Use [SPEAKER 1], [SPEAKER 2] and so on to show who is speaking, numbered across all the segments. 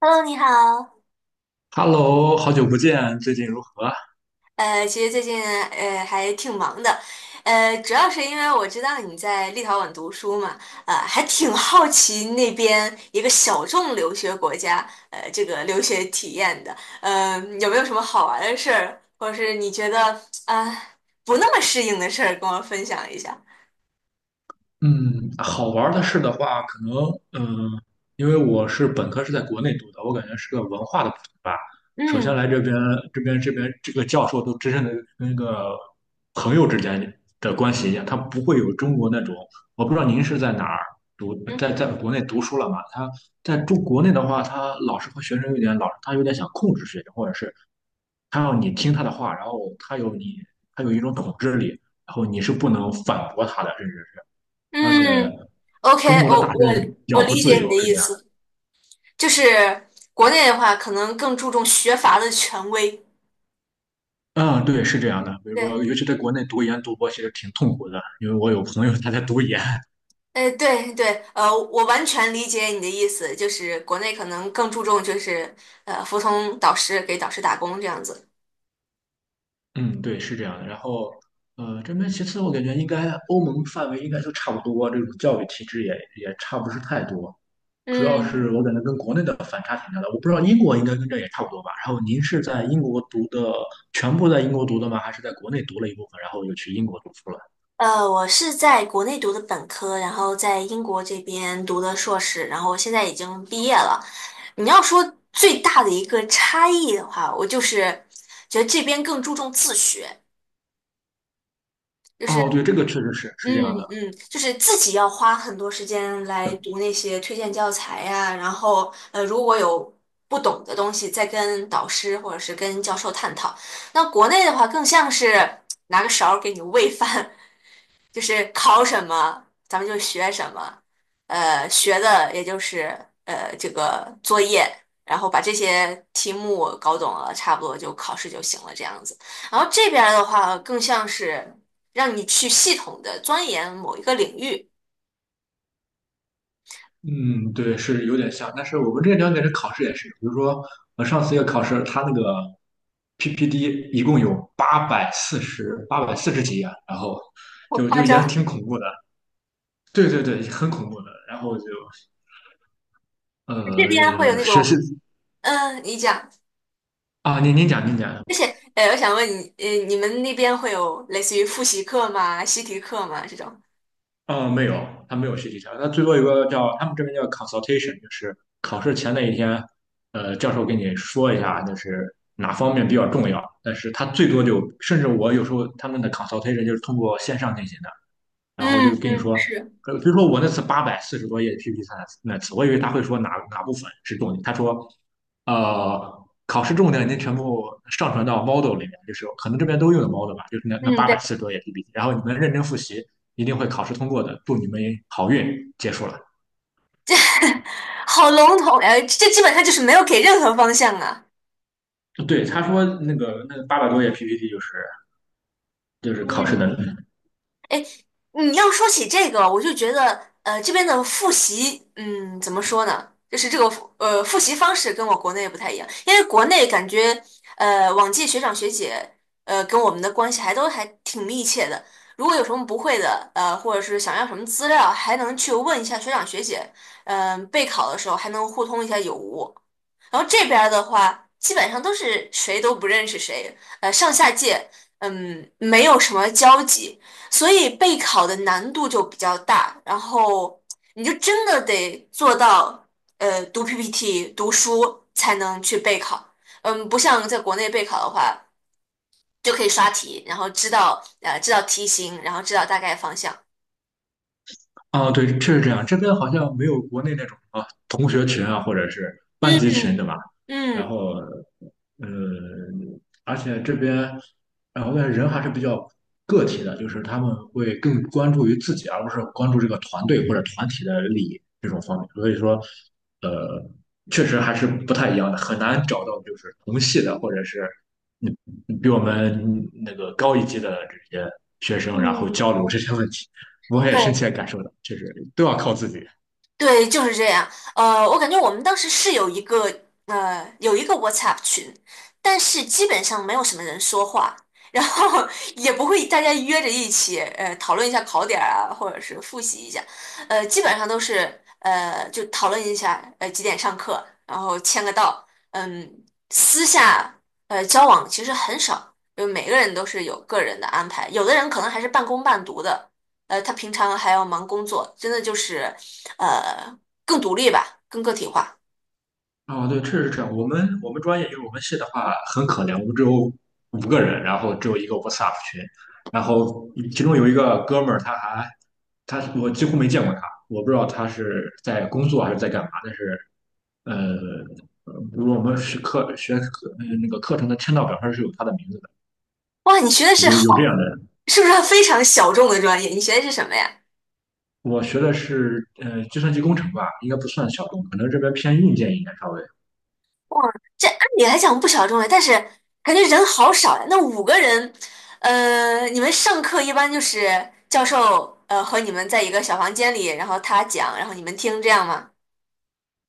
[SPEAKER 1] Hello，你好。
[SPEAKER 2] Hello，好久不见，最近如何？
[SPEAKER 1] 其实最近还挺忙的，主要是因为我知道你在立陶宛读书嘛，还挺好奇那边一个小众留学国家，这个留学体验的，有没有什么好玩的事儿，或者是你觉得啊、呃不那么适应的事儿，跟我分享一下？
[SPEAKER 2] 嗯，好玩儿的事的话，可能嗯，因为我是本科是在国内读的，我感觉是个文化的补充吧。首先
[SPEAKER 1] 嗯
[SPEAKER 2] 来这边，这边这个教授都真正的跟个朋友之间的关系一样，他不会有中国那种。我不知道您是在哪儿读，
[SPEAKER 1] 嗯
[SPEAKER 2] 在国内读书了嘛？他在中国内的话，他老师和学生有点老，他有点想控制学生，或者是他要你听他的话，然后他有你，他有一种统治力，然后你是不能反驳他的，甚至是，而
[SPEAKER 1] 嗯
[SPEAKER 2] 且
[SPEAKER 1] ，OK,
[SPEAKER 2] 中国的大学比
[SPEAKER 1] 我
[SPEAKER 2] 较不
[SPEAKER 1] 理
[SPEAKER 2] 自
[SPEAKER 1] 解你的
[SPEAKER 2] 由，是
[SPEAKER 1] 意
[SPEAKER 2] 这样的。
[SPEAKER 1] 思，就是国内的话，可能更注重学阀的权威。
[SPEAKER 2] 嗯，对，是这样的。比如说，
[SPEAKER 1] 对。
[SPEAKER 2] 尤其在国内读研读博其实挺痛苦的，因为我有朋友 他在读研。
[SPEAKER 1] 哎，对对，我完全理解你的意思，就是国内可能更注重就是服从导师，给导师打工这样子。
[SPEAKER 2] 嗯，对，是这样的。然后，这边其次我感觉应该欧盟范围应该都差不多，这种教育体制也差不是太多。主要
[SPEAKER 1] 嗯，
[SPEAKER 2] 是我感觉跟国内的反差挺大的。我不知道英国应该跟这也差不多吧。然后您是在英国读的，全部在英国读的吗？还是在国内读了一部分，然后又去英国读书了？
[SPEAKER 1] 我是在国内读的本科，然后在英国这边读的硕士，然后现在已经毕业了。你要说最大的一个差异的话，我就是觉得这边更注重自学。就
[SPEAKER 2] 哦，对，
[SPEAKER 1] 是。
[SPEAKER 2] 这个确实是这
[SPEAKER 1] 嗯
[SPEAKER 2] 样的。
[SPEAKER 1] 嗯，就是自己要花很多时间来读那些推荐教材呀，然后，如果有不懂的东西，再跟导师或者是跟教授探讨。那国内的话，更像是拿个勺儿给你喂饭，就是考什么咱们就学什么，学的也就是这个作业，然后把这些题目搞懂了，差不多就考试就行了这样子。然后这边儿的话更像是让你去系统的钻研某一个领域，
[SPEAKER 2] 嗯，对，是有点像。但是我们这两点的考试也是，比如说我上次一个考试，它那个 p p D 一共有八百四十几页，然后
[SPEAKER 1] 好
[SPEAKER 2] 就
[SPEAKER 1] 夸
[SPEAKER 2] 就也
[SPEAKER 1] 张。
[SPEAKER 2] 挺恐怖的。对对对，很恐怖的。然后就
[SPEAKER 1] 这边会有那
[SPEAKER 2] 学习
[SPEAKER 1] 种，嗯，你讲，
[SPEAKER 2] 啊，您讲您讲。
[SPEAKER 1] 而且，我想问你，你们那边会有类似于复习课吗？习题课吗？这种？
[SPEAKER 2] 没有，他没有学习条。他最多有个叫，他们这边叫 consultation，就是考试前那一天，教授给你说一下，就是哪方面比较重要。但是他最多就，甚至我有时候他们的 consultation 就是通过线上进行的。然后就
[SPEAKER 1] 嗯
[SPEAKER 2] 跟你
[SPEAKER 1] 嗯，
[SPEAKER 2] 说，
[SPEAKER 1] 是，
[SPEAKER 2] 比如说我那次八百四十多页 PPT 那次，我以为他会说哪哪部分是重点。他说，考试重点已经全部上传到 Model 里面，就是可能这边都用的 Model 吧，就是那
[SPEAKER 1] 嗯，
[SPEAKER 2] 八百
[SPEAKER 1] 对。
[SPEAKER 2] 四十多页 PPT，然后你们认真复习，一定会考试通过的，祝你们好运，结束了。
[SPEAKER 1] 这好笼统呀，这基本上就是没有给任何方向啊。
[SPEAKER 2] 对，他说那个那800多页 PPT 就是考试的。
[SPEAKER 1] 嗯你要说起这个，我就觉得，这边的复习，嗯，怎么说呢？就是复习方式跟我国内不太一样，因为国内感觉，往届学长学姐，跟我们的关系还都还挺密切的。如果有什么不会的，或者是想要什么资料，还能去问一下学长学姐，嗯、备考的时候还能互通一下有无。然后这边儿的话，基本上都是谁都不认识谁，上下届，嗯，没有什么交集。所以备考的难度就比较大，然后你就真的得做到，读 PPT、读书才能去备考。嗯，不像在国内备考的话，就可以刷题，然后知道知道题型，然后知道大概方向。
[SPEAKER 2] 啊，对，确实这样。这边好像没有国内那种啊同学群啊，或者是班
[SPEAKER 1] 嗯
[SPEAKER 2] 级群，对吧？然
[SPEAKER 1] 嗯
[SPEAKER 2] 后，呃，而且这边，然后人还是比较个体的，就是他们会更关注于自己，而不是关注这个团队或者团体的利益这种方面。所以说，呃，确实还是不太一样的，很难找到就是同系的，或者是嗯比我们那个高一级的这些学生，然后
[SPEAKER 1] 嗯，
[SPEAKER 2] 交流这些问题。我也深
[SPEAKER 1] 对。
[SPEAKER 2] 切感受到，确实都要靠自己。
[SPEAKER 1] 对，就是这样。我感觉我们当时是有一个有一个 WhatsApp 群，但是基本上没有什么人说话，然后 也不会大家约着一起讨论一下考点儿啊，或者是复习一下，基本上都是就讨论一下几点上课，然后签个到，嗯，私下交往其实很少，就每个人都是有个人的安排，有的人可能还是半工半读的。他平常还要忙工作，真的就是呃更独立吧，更个体化。
[SPEAKER 2] 啊，对，确实是这样。我们专业就是我们系的话很可怜，我们只有五个人，然后只有一个 WhatsApp 群。然后其中有一个哥们儿，他我几乎没见过他，我不知道他是在工作还是在干嘛。但是呃，比如我们是课学课那个课程的签到表上是有他的名字的，
[SPEAKER 1] 哇，你学的是
[SPEAKER 2] 有这样
[SPEAKER 1] 好，
[SPEAKER 2] 的人。
[SPEAKER 1] 是不是非常小众的专业？你学的是什么呀？
[SPEAKER 2] 我学的是计算机工程吧，应该不算小众，可能这边偏硬件一点稍微。
[SPEAKER 1] 这按理来讲不小众呀，但是感觉人好少呀。那五个人，你们上课一般就是教授和你们在一个小房间里，然后他讲，然后你们听，这样吗？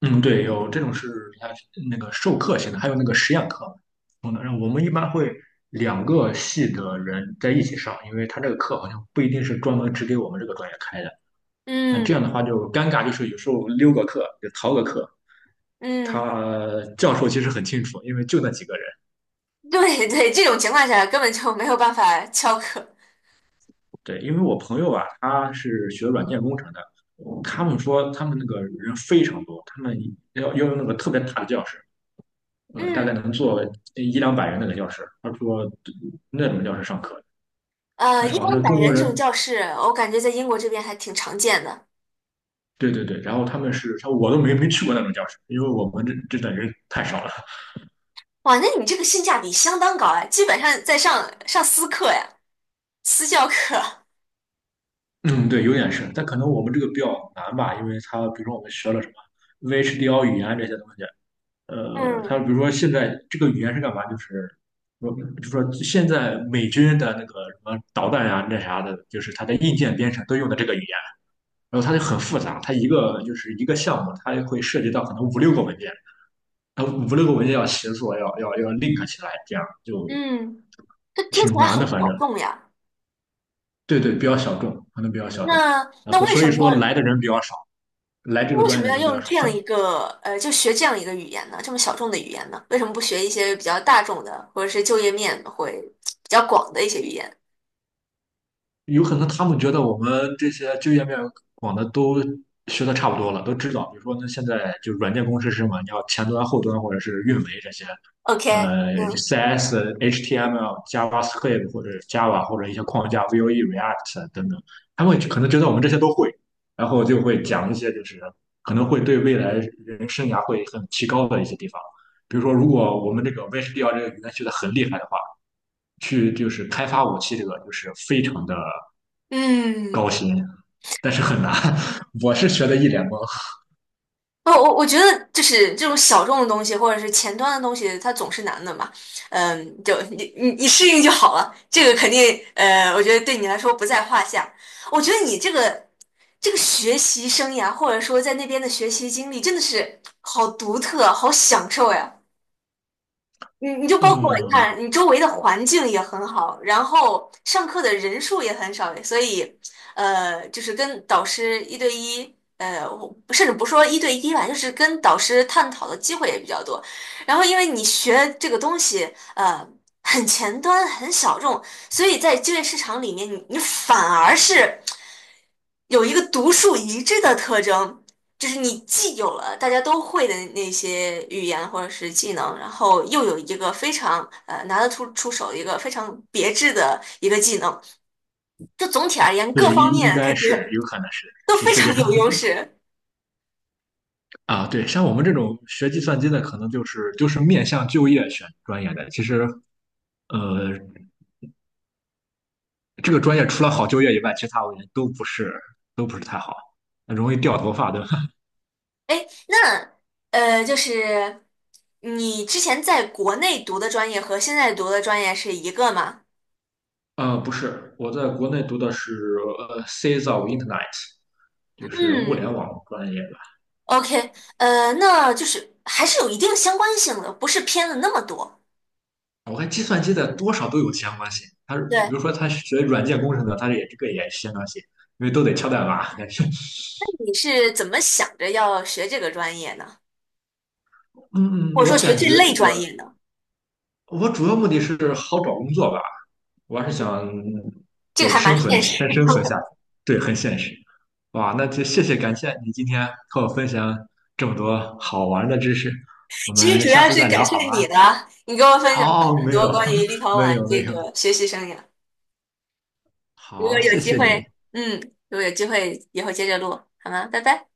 [SPEAKER 2] 嗯，对，有这种，是它那个授课型的，还有那个实验课。嗯，然后我们一般会两个系的人在一起上，因为他这个课好像不一定是专门只给我们这个专业开的。那这
[SPEAKER 1] 嗯
[SPEAKER 2] 样的话就尴尬，就是有时候溜个课就逃个课。
[SPEAKER 1] 嗯，
[SPEAKER 2] 他教授其实很清楚，因为就那几个人。
[SPEAKER 1] 对对，这种情况下根本就没有办法翘课。
[SPEAKER 2] 对，因为我朋友啊，他是学软件工程的，他们说他们那个人非常多，他们要用那个特别大的教室。大概
[SPEAKER 1] 嗯。
[SPEAKER 2] 能坐一两百人那个教室。他说那种教室上课，但是
[SPEAKER 1] 一
[SPEAKER 2] 好
[SPEAKER 1] 般
[SPEAKER 2] 像更
[SPEAKER 1] 百
[SPEAKER 2] 多
[SPEAKER 1] 人这种
[SPEAKER 2] 人。
[SPEAKER 1] 教室，我感觉在英国这边还挺常见的。
[SPEAKER 2] 对对对。然后他们是，他说我都没去过那种教室，因为我们这等人太少了。
[SPEAKER 1] 哇，那你这个性价比相当高哎，基本上在上私课呀，私教课。
[SPEAKER 2] 嗯，对，有点是，但可能我们这个比较难吧，因为他比如说我们学了什么 VHDL 语言这些东西，他
[SPEAKER 1] 嗯
[SPEAKER 2] 比如说现在这个语言是干嘛？就是说，就说现在美军的那个什么导弹呀、那啥的，就是它的硬件编程都用的这个语言。然后它就很复杂，它一个就是一个项目，它会涉及到可能五六个文件，然后五六个文件要协作，要 link 起来，这样就
[SPEAKER 1] 嗯，这听起
[SPEAKER 2] 挺
[SPEAKER 1] 来
[SPEAKER 2] 难
[SPEAKER 1] 好
[SPEAKER 2] 的。反正
[SPEAKER 1] 小众呀。
[SPEAKER 2] 对对，比较小众，可能比较小众。
[SPEAKER 1] 那
[SPEAKER 2] 然
[SPEAKER 1] 那
[SPEAKER 2] 后
[SPEAKER 1] 为
[SPEAKER 2] 所
[SPEAKER 1] 什
[SPEAKER 2] 以
[SPEAKER 1] 么
[SPEAKER 2] 说
[SPEAKER 1] 要
[SPEAKER 2] 来的人比较少，来这个
[SPEAKER 1] 为
[SPEAKER 2] 专
[SPEAKER 1] 什
[SPEAKER 2] 业
[SPEAKER 1] 么
[SPEAKER 2] 的
[SPEAKER 1] 要
[SPEAKER 2] 人比较
[SPEAKER 1] 用
[SPEAKER 2] 少。
[SPEAKER 1] 这样一个就学这样一个语言呢？这么小众的语言呢？为什么不学一些比较大众的，或者是就业面会比较广的一些语言
[SPEAKER 2] 有可能他们觉得我们这些就业面广的都学的差不多了，都知道。比如说那现在就软件工程师嘛，你要前端、后端或者是运维这些，
[SPEAKER 1] ？OK，嗯
[SPEAKER 2] CS、HTML、JavaScript 或者 Java 或者一些框架 v O e React 等等，他们可能觉得我们这些都会，然后就会讲一些就是可能会对未来人生涯会很提高的一些地方。比如说，如果我们这个 VHDL 这个语言学的很厉害的话，去就是开发武器这个就是非常的。
[SPEAKER 1] 嗯。
[SPEAKER 2] 高薪，但是很难。我是学的一脸懵。
[SPEAKER 1] 哦，我我觉得就是这种小众的东西，或者是前端的东西，它总是难的嘛。嗯，就你你适应就好了，这个肯定我觉得对你来说不在话下。我觉得你这个这个学习生涯，或者说在那边的学习经历，真的是好独特，好享受呀。你你就包括你
[SPEAKER 2] 嗯，
[SPEAKER 1] 看，你周围的环境也很好，然后上课的人数也很少，所以，就是跟导师一对一，我甚至不说一对一吧，就是跟导师探讨的机会也比较多。然后，因为你学这个东西，很前端、很小众，所以在就业市场里面，你你反而是有一个独树一帜的特征。就是你既有了大家都会的那些语言或者是技能，然后又有一个非常拿得出手的一个非常别致的一个技能，就总体而言各
[SPEAKER 2] 对，应
[SPEAKER 1] 方
[SPEAKER 2] 应
[SPEAKER 1] 面感
[SPEAKER 2] 该是
[SPEAKER 1] 觉
[SPEAKER 2] 有可能是
[SPEAKER 1] 都
[SPEAKER 2] 是
[SPEAKER 1] 非
[SPEAKER 2] 是
[SPEAKER 1] 常
[SPEAKER 2] 这
[SPEAKER 1] 有
[SPEAKER 2] 样。
[SPEAKER 1] 优势。
[SPEAKER 2] 啊。对，像我们这种学计算机的，可能就是面向就业选专业的。其实，呃，这个专业除了好就业以外，其他我感觉得都不是太好，容易掉头发，对吧？
[SPEAKER 1] 哎，那就是你之前在国内读的专业和现在读的专业是一个吗？
[SPEAKER 2] 不是，我在国内读的是c s of Internet，就是物
[SPEAKER 1] 嗯
[SPEAKER 2] 联网专业。
[SPEAKER 1] ，OK，那就是还是有一定相关性的，不是偏了那么多。
[SPEAKER 2] 我看计算机的多少都有相关性。他
[SPEAKER 1] 对，
[SPEAKER 2] 比
[SPEAKER 1] 那
[SPEAKER 2] 如说他学软件工程的，他也这个也是相关性，因为都得敲代码。
[SPEAKER 1] 你是怎么想着要学这个专业呢？或
[SPEAKER 2] 嗯，
[SPEAKER 1] 者说
[SPEAKER 2] 我
[SPEAKER 1] 学
[SPEAKER 2] 感
[SPEAKER 1] 这
[SPEAKER 2] 觉
[SPEAKER 1] 类
[SPEAKER 2] 这
[SPEAKER 1] 专
[SPEAKER 2] 个
[SPEAKER 1] 业的，
[SPEAKER 2] 我主要目的是好找工作吧，我还是
[SPEAKER 1] 嗯，
[SPEAKER 2] 想
[SPEAKER 1] 这个
[SPEAKER 2] 对
[SPEAKER 1] 还蛮
[SPEAKER 2] 生存
[SPEAKER 1] 现
[SPEAKER 2] 先
[SPEAKER 1] 实
[SPEAKER 2] 生存下
[SPEAKER 1] 的。
[SPEAKER 2] 去，对，很现实。哇，那就谢谢感谢你今天和我分享这么多好玩的知识，我
[SPEAKER 1] 其实
[SPEAKER 2] 们
[SPEAKER 1] 主
[SPEAKER 2] 下
[SPEAKER 1] 要
[SPEAKER 2] 次
[SPEAKER 1] 是
[SPEAKER 2] 再聊
[SPEAKER 1] 感
[SPEAKER 2] 好
[SPEAKER 1] 谢
[SPEAKER 2] 吗？
[SPEAKER 1] 你的，你给我分享了
[SPEAKER 2] 哦，
[SPEAKER 1] 很
[SPEAKER 2] 没
[SPEAKER 1] 多
[SPEAKER 2] 有，
[SPEAKER 1] 关于 立陶
[SPEAKER 2] 没
[SPEAKER 1] 宛
[SPEAKER 2] 有，
[SPEAKER 1] 这
[SPEAKER 2] 没有。
[SPEAKER 1] 个学习生涯。如果
[SPEAKER 2] 好，
[SPEAKER 1] 有
[SPEAKER 2] 谢
[SPEAKER 1] 机
[SPEAKER 2] 谢你。
[SPEAKER 1] 会，嗯，如果有机会以后接着录，好吗？拜拜。